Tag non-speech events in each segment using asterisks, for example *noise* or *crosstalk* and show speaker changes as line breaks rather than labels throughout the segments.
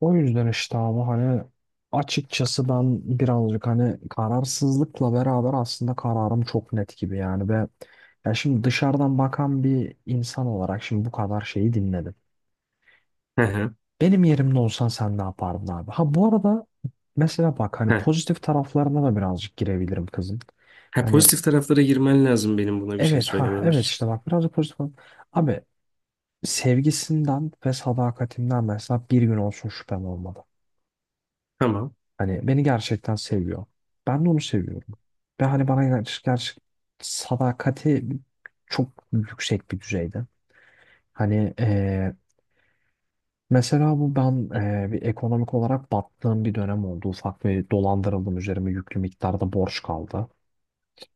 O yüzden işte abi hani açıkçası ben birazcık hani kararsızlıkla beraber aslında kararım çok net gibi yani ve ya şimdi dışarıdan bakan bir insan olarak şimdi bu kadar şeyi dinledim.
Hı hı,
Benim yerimde olsan sen ne yapardın abi? Ha bu arada mesela bak hani
hı.
pozitif taraflarına da birazcık girebilirim kızın.
Ha,
Hani
pozitif taraflara girmen lazım benim buna bir şey
evet ha
söylemem
evet
için.
işte bak birazcık pozitif. Abi sevgisinden ve sadakatinden mesela bir gün olsun şüphem olmadı.
Tamam.
Hani beni gerçekten seviyor. Ben de onu seviyorum. Ve hani bana gerçek, gerçek sadakati çok yüksek bir düzeyde. Hani mesela bu ben bir ekonomik olarak battığım bir dönem oldu. Ufak bir dolandırıldım, üzerime yüklü miktarda borç kaldı.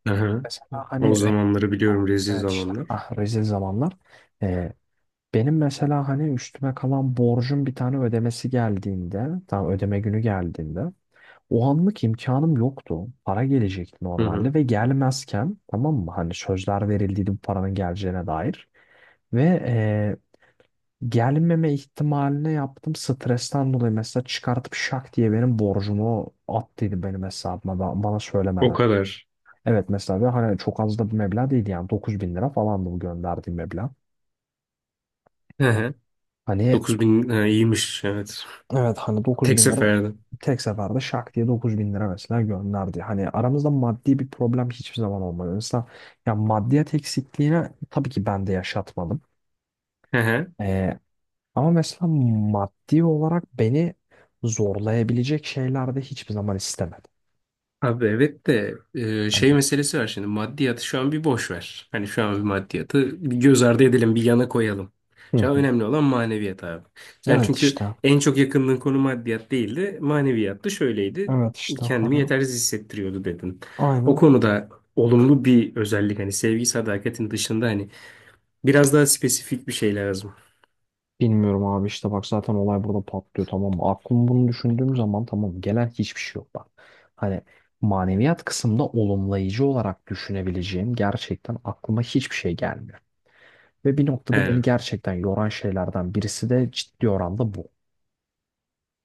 Hı hı.
Mesela hani
O zamanları biliyorum, rezil
evet işte
zamanlar.
rezil zamanlar. Eee, benim mesela hani üstüme kalan borcun bir tane ödemesi geldiğinde, tam ödeme günü geldiğinde o anlık imkanım yoktu. Para gelecekti
Hı hı.
normalde ve gelmezken, tamam mı? Hani sözler verildiydi bu paranın geleceğine dair. Ve gelmeme ihtimaline yaptım stresten dolayı, mesela çıkartıp şak diye benim borcumu attıydı benim hesabıma ba- bana
O
söylemeden.
kadar.
Evet mesela, ve hani çok az da bir meblağ değildi yani, 9 bin lira falandı bu gönderdiğim meblağ.
Hı hı.
Hani
9.000 ha, iyiymiş evet.
evet hani 9
Tek
bin lira
seferde.
tek seferde şak diye 9 bin lira mesela gönderdi. Hani aramızda maddi bir problem hiçbir zaman olmadı. Mesela ya maddiyat eksikliğine tabii ki ben de yaşatmadım.
Hı hı.
Ee, ama mesela maddi olarak beni zorlayabilecek şeyler de hiçbir zaman istemedi.
Abi evet de
Hani,
şey meselesi var şimdi, maddiyatı şu an bir boş ver. Hani şu an bir maddiyatı bir göz ardı edelim, bir yana koyalım.
hı
Şu an
hı.
önemli olan maneviyat abi. Sen
Evet
çünkü
işte.
en çok yakındığın konu maddiyat değildi. Maneviyattı, şöyleydi.
Evet işte.
Kendimi
Hani,
yetersiz hissettiriyordu dedin. O
aynen.
konuda olumlu bir özellik, hani sevgi sadakatin dışında hani biraz daha spesifik bir şey lazım.
Bilmiyorum abi, işte bak zaten olay burada patlıyor, tamam mı? Aklım bunu düşündüğüm zaman tamam, gelen hiçbir şey yok bak. Hani maneviyat kısmında olumlayıcı olarak düşünebileceğim gerçekten aklıma hiçbir şey gelmiyor. Ve bir noktada
He.
beni gerçekten yoran şeylerden birisi de ciddi oranda bu.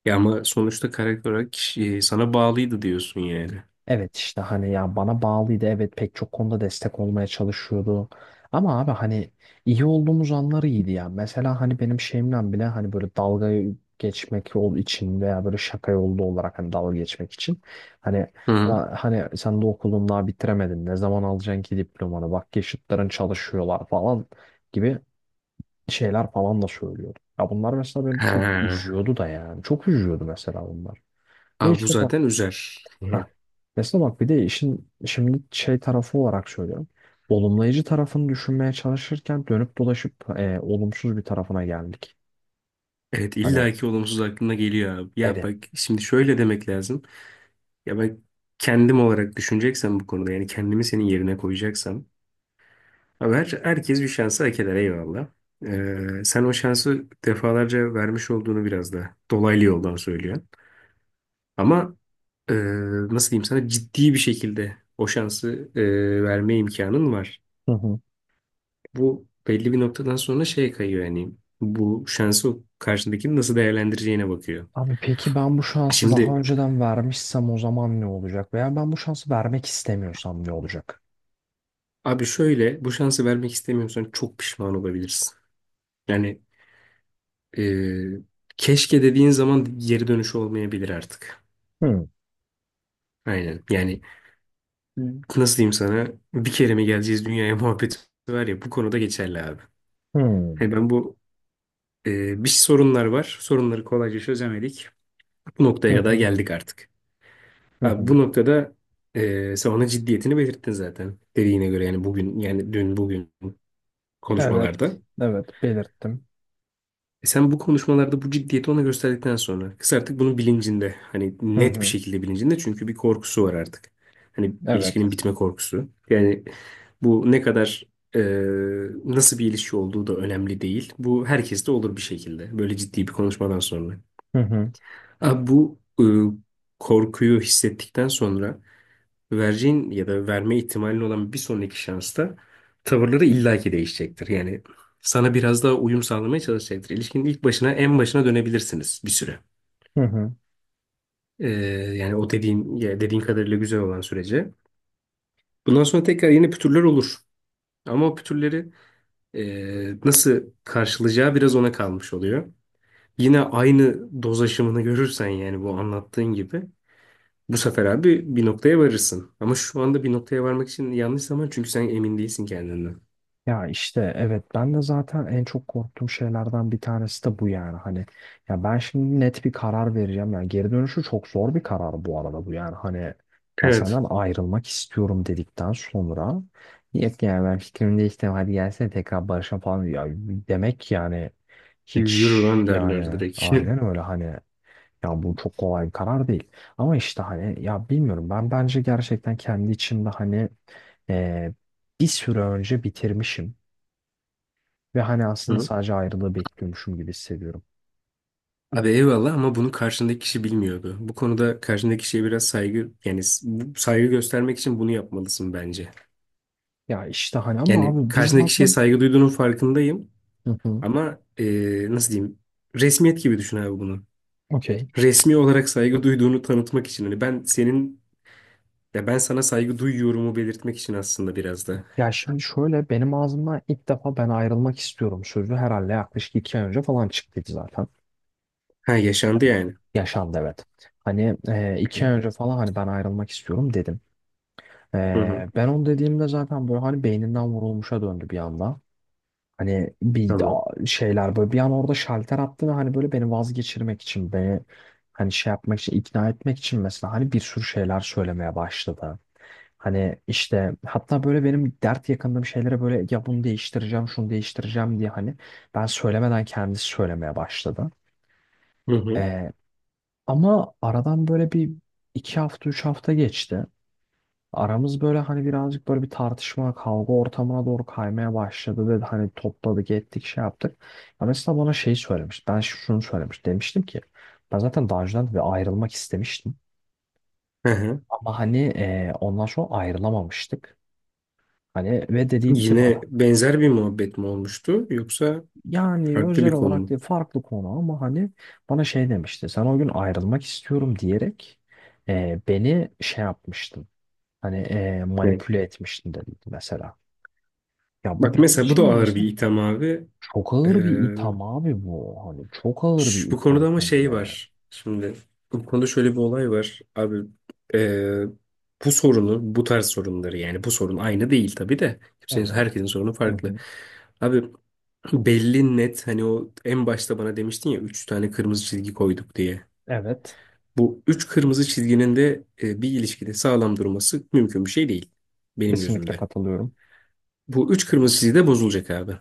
Ya ama sonuçta karakter olarak sana bağlıydı diyorsun yani.
Evet işte hani ya bana bağlıydı, evet pek çok konuda destek olmaya çalışıyordu. Ama abi hani iyi olduğumuz anları iyiydi ya. Mesela hani benim şeyimden bile hani böyle dalga geçmek ol için veya böyle şaka yolu olarak hani dalga geçmek için. Hani
Hı.
"la- hani sen de okulun daha bitiremedin ne zaman alacaksın ki diplomanı, bak yaşıtların çalışıyorlar" falan gibi şeyler falan da söylüyordu. Ya bunlar mesela beni çok
He.
üzüyordu da, yani çok üzüyordu mesela bunlar. Ve
Abi bu
işte
zaten üzer.
heh.
*laughs*
Mesela bak bir de işin şimdi şey tarafı olarak söylüyorum. Olumlayıcı tarafını düşünmeye çalışırken dönüp dolaşıp olumsuz bir tarafına geldik.
Evet,
Hani
illaki olumsuz aklına geliyor abi. Ya
evet.
bak, şimdi şöyle demek lazım. Ya bak, kendim olarak düşüneceksem bu konuda, yani kendimi senin yerine koyacaksam. Abi her, herkes bir şansı hak eder, eyvallah. Sen o şansı defalarca vermiş olduğunu biraz da dolaylı yoldan söylüyorsun. Ama e, nasıl diyeyim sana, ciddi bir şekilde o şansı verme imkanın var.
Hı hı.
Bu belli bir noktadan sonra şeye kayıyor, yani bu şansı o karşındakinin nasıl değerlendireceğine bakıyor.
Abi peki ben bu şansı daha
Şimdi,
önceden vermişsem o zaman ne olacak? Veya ben bu şansı vermek istemiyorsam ne olacak?
abi şöyle, bu şansı vermek istemiyorsan çok pişman olabilirsin. Yani e, keşke dediğin zaman geri dönüşü olmayabilir artık.
Hmm,
Aynen. Yani nasıl diyeyim sana, bir kere mi geleceğiz dünyaya *laughs* muhabbeti var ya, bu konuda geçerli abi.
hmm.
Yani ben bu bir sorunlar var. Sorunları kolayca çözemedik. Bu noktaya
Hı
kadar
hı,
geldik artık.
hı
Abi
hı.
bu noktada sen onun ciddiyetini belirttin zaten. Dediğine göre, yani bugün, yani dün bugün
Evet,
konuşmalarda.
evet belirttim.
E sen bu konuşmalarda bu ciddiyeti ona gösterdikten sonra kız artık bunun bilincinde. Hani
Hı
net bir
hı,
şekilde bilincinde, çünkü bir korkusu var artık. Hani
evet.
ilişkinin bitme korkusu. Yani bu ne kadar e, nasıl bir ilişki olduğu da önemli değil. Bu herkeste olur bir şekilde. Böyle ciddi bir konuşmadan sonra.
Hı hı,
Abi bu korkuyu hissettikten sonra vereceğin ya da verme ihtimalin olan bir sonraki şansta tavırları illaki değişecektir. Yani sana biraz daha uyum sağlamaya çalışacaktır. İlişkinin ilk başına, en başına dönebilirsiniz bir süre.
hı hı.
Ee, Yani o dediğin, ya dediğin kadarıyla güzel olan sürece. Bundan sonra tekrar yeni pütürler olur. Ama o pütürleri nasıl karşılayacağı biraz ona kalmış oluyor. Yine aynı doz aşımını görürsen, yani bu anlattığın gibi, bu sefer abi bir noktaya varırsın. Ama şu anda bir noktaya varmak için yanlış zaman, çünkü sen emin değilsin kendinden.
Ya işte evet, ben de zaten en çok korktuğum şeylerden bir tanesi de bu yani, hani ya ben şimdi net bir karar vereceğim yani, geri dönüşü çok zor bir karar bu arada bu yani, hani ben
Evet.
senden ayrılmak istiyorum dedikten sonra yok yani ben fikrimi değiştirdim, hadi gelsene tekrar barışalım falan ya demek yani hiç
Yürü lan derler
yani
direkt.
aynen öyle.
*laughs*
Hani ya bu çok kolay bir karar değil, ama işte hani ya bilmiyorum, ben bence gerçekten kendi içimde hani eee, bir süre önce bitirmişim. Ve hani aslında
Hı.
sadece ayrılığı bekliyormuşum gibi hissediyorum.
Abi eyvallah, ama bunu karşındaki kişi bilmiyordu. Bu konuda karşındaki kişiye biraz saygı, yani saygı göstermek için bunu yapmalısın bence.
Ya işte hani ama
Yani
abi biz ne
karşındaki kişiye
zaten...
saygı duyduğunun farkındayım,
Hı hı.
ama nasıl diyeyim, resmiyet gibi düşün abi bunu.
Okey.
Resmi olarak saygı duyduğunu tanıtmak için, hani ben senin, ya ben sana saygı duyuyorumu belirtmek için aslında biraz da.
Ya şimdi şöyle, benim ağzımdan ilk defa ben ayrılmak istiyorum sözü herhalde yaklaşık iki ay önce falan çıktıydı zaten.
Ha, yaşandı
Hani
yani.
yaşandı, evet. Hani iki ay
Okey.
önce falan hani ben ayrılmak istiyorum dedim.
Hı hı.
E, ben onu dediğimde zaten böyle hani beyninden vurulmuşa döndü bir anda. Hani bir
Tamam.
a- şeyler böyle, bir an orada şalter attı ve hani böyle beni vazgeçirmek için beni hani şey yapmak için, ikna etmek için mesela hani bir sürü şeyler söylemeye başladı. Hani işte hatta böyle benim dert yakındığım şeylere böyle ya bunu değiştireceğim şunu değiştireceğim diye hani ben söylemeden kendisi söylemeye başladı.
Hı hı.
Ee, ama aradan böyle bir iki hafta üç hafta geçti. Aramız böyle hani birazcık böyle bir tartışma, kavga ortamına doğru kaymaya başladı dedi. Hani topladık, ettik, şey yaptık. Ya mesela bana şey söylemiş. Ben ş- şunu söylemiş. Demiştim ki ben zaten daha önceden de bir ayrılmak istemiştim.
Hı hı.
Ama hani ondan sonra ayrılamamıştık. Hani ve dediydi ki bana
Yine benzer bir muhabbet mi olmuştu yoksa
yani
farklı
özel
bir konu
olarak
mu?
diye farklı konu ama hani bana şey demişti. Sen o gün ayrılmak istiyorum diyerek beni şey yapmıştın. Hani
Ne?
manipüle etmiştin dedi mesela. Ya bu
Bak
benim
mesela, bu da
için de
ağır bir
mesela
item abi.
çok
Ee,
ağır bir itham abi bu. Hani çok ağır bir
Bu
itham
konuda ama
hem
şey
de.
var. Şimdi bu konuda şöyle bir olay var. Abi ee, bu sorunu, bu tarz sorunları, yani bu sorun aynı değil tabii de. Kimsenin,
Evet.
herkesin sorunu
Hı
farklı.
hı.
Abi belli net, hani o en başta bana demiştin ya üç tane kırmızı çizgi koyduk diye.
Evet.
Bu üç kırmızı çizginin de bir ilişkide sağlam durması mümkün bir şey değil benim
Kesinlikle
gözümde.
katılıyorum.
Bu üç kırmızı çizgi de bozulacak abi.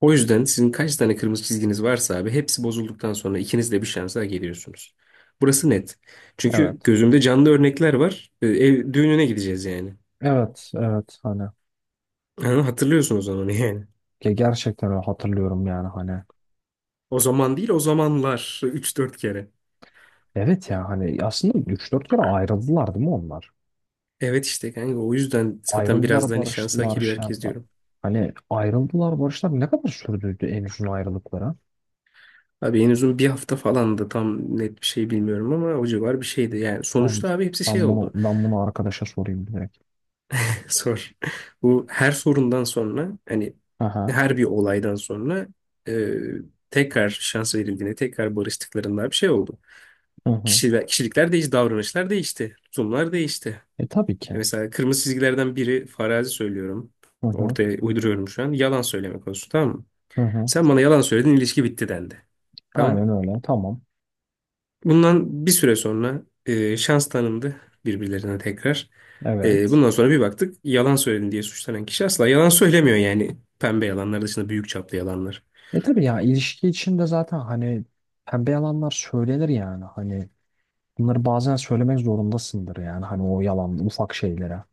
O yüzden sizin kaç tane kırmızı çizginiz varsa abi, hepsi bozulduktan sonra ikiniz de bir şansa geliyorsunuz. Burası net. Çünkü
Evet.
gözümde canlı örnekler var. Ev düğününe gideceğiz yani.
Evet, evet hani
Ha, hatırlıyorsun o zaman yani.
ge- gerçekten öyle hatırlıyorum yani hani.
O zaman değil, o zamanlar üç dört kere.
Evet ya hani aslında üç dört kere ayrıldılar değil mi onlar?
Evet işte kanka, o yüzden zaten biraz
Ayrıldılar,
da hani şansı hak
barıştılar,
ediyor
şey
herkes
yaptılar.
diyorum.
Hani ayrıldılar, barıştılar, ne kadar sürdü en uzun ayrılıkları?
Abi en uzun bir hafta falan da, tam net bir şey bilmiyorum ama o civar bir şeydi. Yani
Tamam.
sonuçta abi hepsi şey
Ben bunu,
oldu.
ben bunu arkadaşa sorayım direkt.
Sor. *laughs* Bu her sorundan sonra, hani
Aha.
her bir olaydan sonra e, tekrar şans verildiğinde, tekrar barıştıklarında bir şey oldu.
Hı hı.
Kişiler, kişilikler değişti, davranışlar değişti, tutumlar değişti.
E tabii
E
ki.
mesela kırmızı çizgilerden biri, farazi söylüyorum.
Hı hı.
Ortaya uyduruyorum şu an. Yalan söylemek olsun, tamam mı?
Hı hı.
Sen bana yalan söyledin, ilişki bitti dendi. Tamam.
Aynen öyle. Tamam.
Bundan bir süre sonra şans tanındı birbirlerine tekrar. E,
Evet.
bundan sonra bir baktık, yalan söyledin diye suçlanan kişi asla yalan söylemiyor yani. Pembe yalanlar dışında büyük çaplı yalanlar.
E tabii ya, ilişki içinde zaten hani pembe yalanlar söylenir yani, hani bunları bazen söylemek zorundasındır yani hani, o yalan ufak şeylere.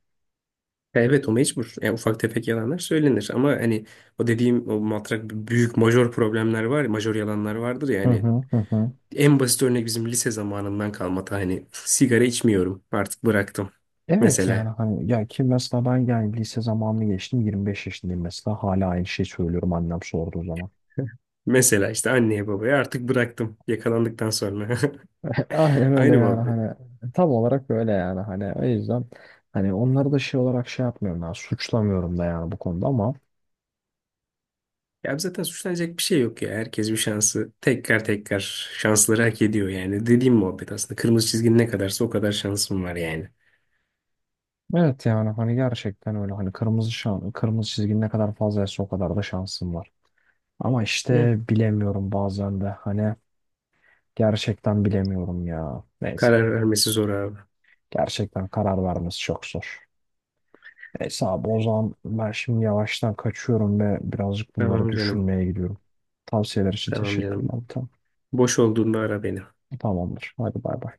Evet, o mecbur. Yani ufak tefek yalanlar söylenir, ama hani o dediğim, o matrak büyük majör problemler var, ya, majör yalanlar vardır
Hı
yani.
hı, hı hı.
En basit örnek bizim lise zamanından kalma ta, hani sigara içmiyorum artık, bıraktım.
Evet yani
Mesela,
hani, ya ki mesela ben yani lise zamanını geçtim, 25 yaşındayım mesela, hala aynı şeyi söylüyorum annem sorduğu zaman.
işte anneye babaya artık bıraktım yakalandıktan sonra.
*laughs* Aynen
*laughs*
öyle
Aynı
yani
muhabbet.
hani tam olarak öyle yani hani, o yüzden hani onları da şey olarak şey yapmıyorum yani, suçlamıyorum da yani bu konuda ama
Ya zaten suçlanacak bir şey yok ya. Herkes bir şansı, tekrar tekrar şansları hak ediyor yani. Dediğim muhabbet aslında. Kırmızı çizgin ne kadarsa o kadar şansım var yani.
evet yani hani gerçekten öyle, hani kırmızı şan, kırmızı çizgi ne kadar fazlaysa o kadar da şansım var. Ama işte
Ya.
bilemiyorum bazen de. Hani gerçekten bilemiyorum ya. Neyse.
Karar vermesi zor abi.
Gerçekten karar vermesi çok zor. Neyse abi, o zaman ben şimdi yavaştan kaçıyorum ve birazcık bunları
Tamam canım.
düşünmeye gidiyorum. Tavsiyeler için
Tamam
teşekkürler.
canım.
Tamam.
Boş olduğunda ara beni.
Tamamdır. Hadi bay bay.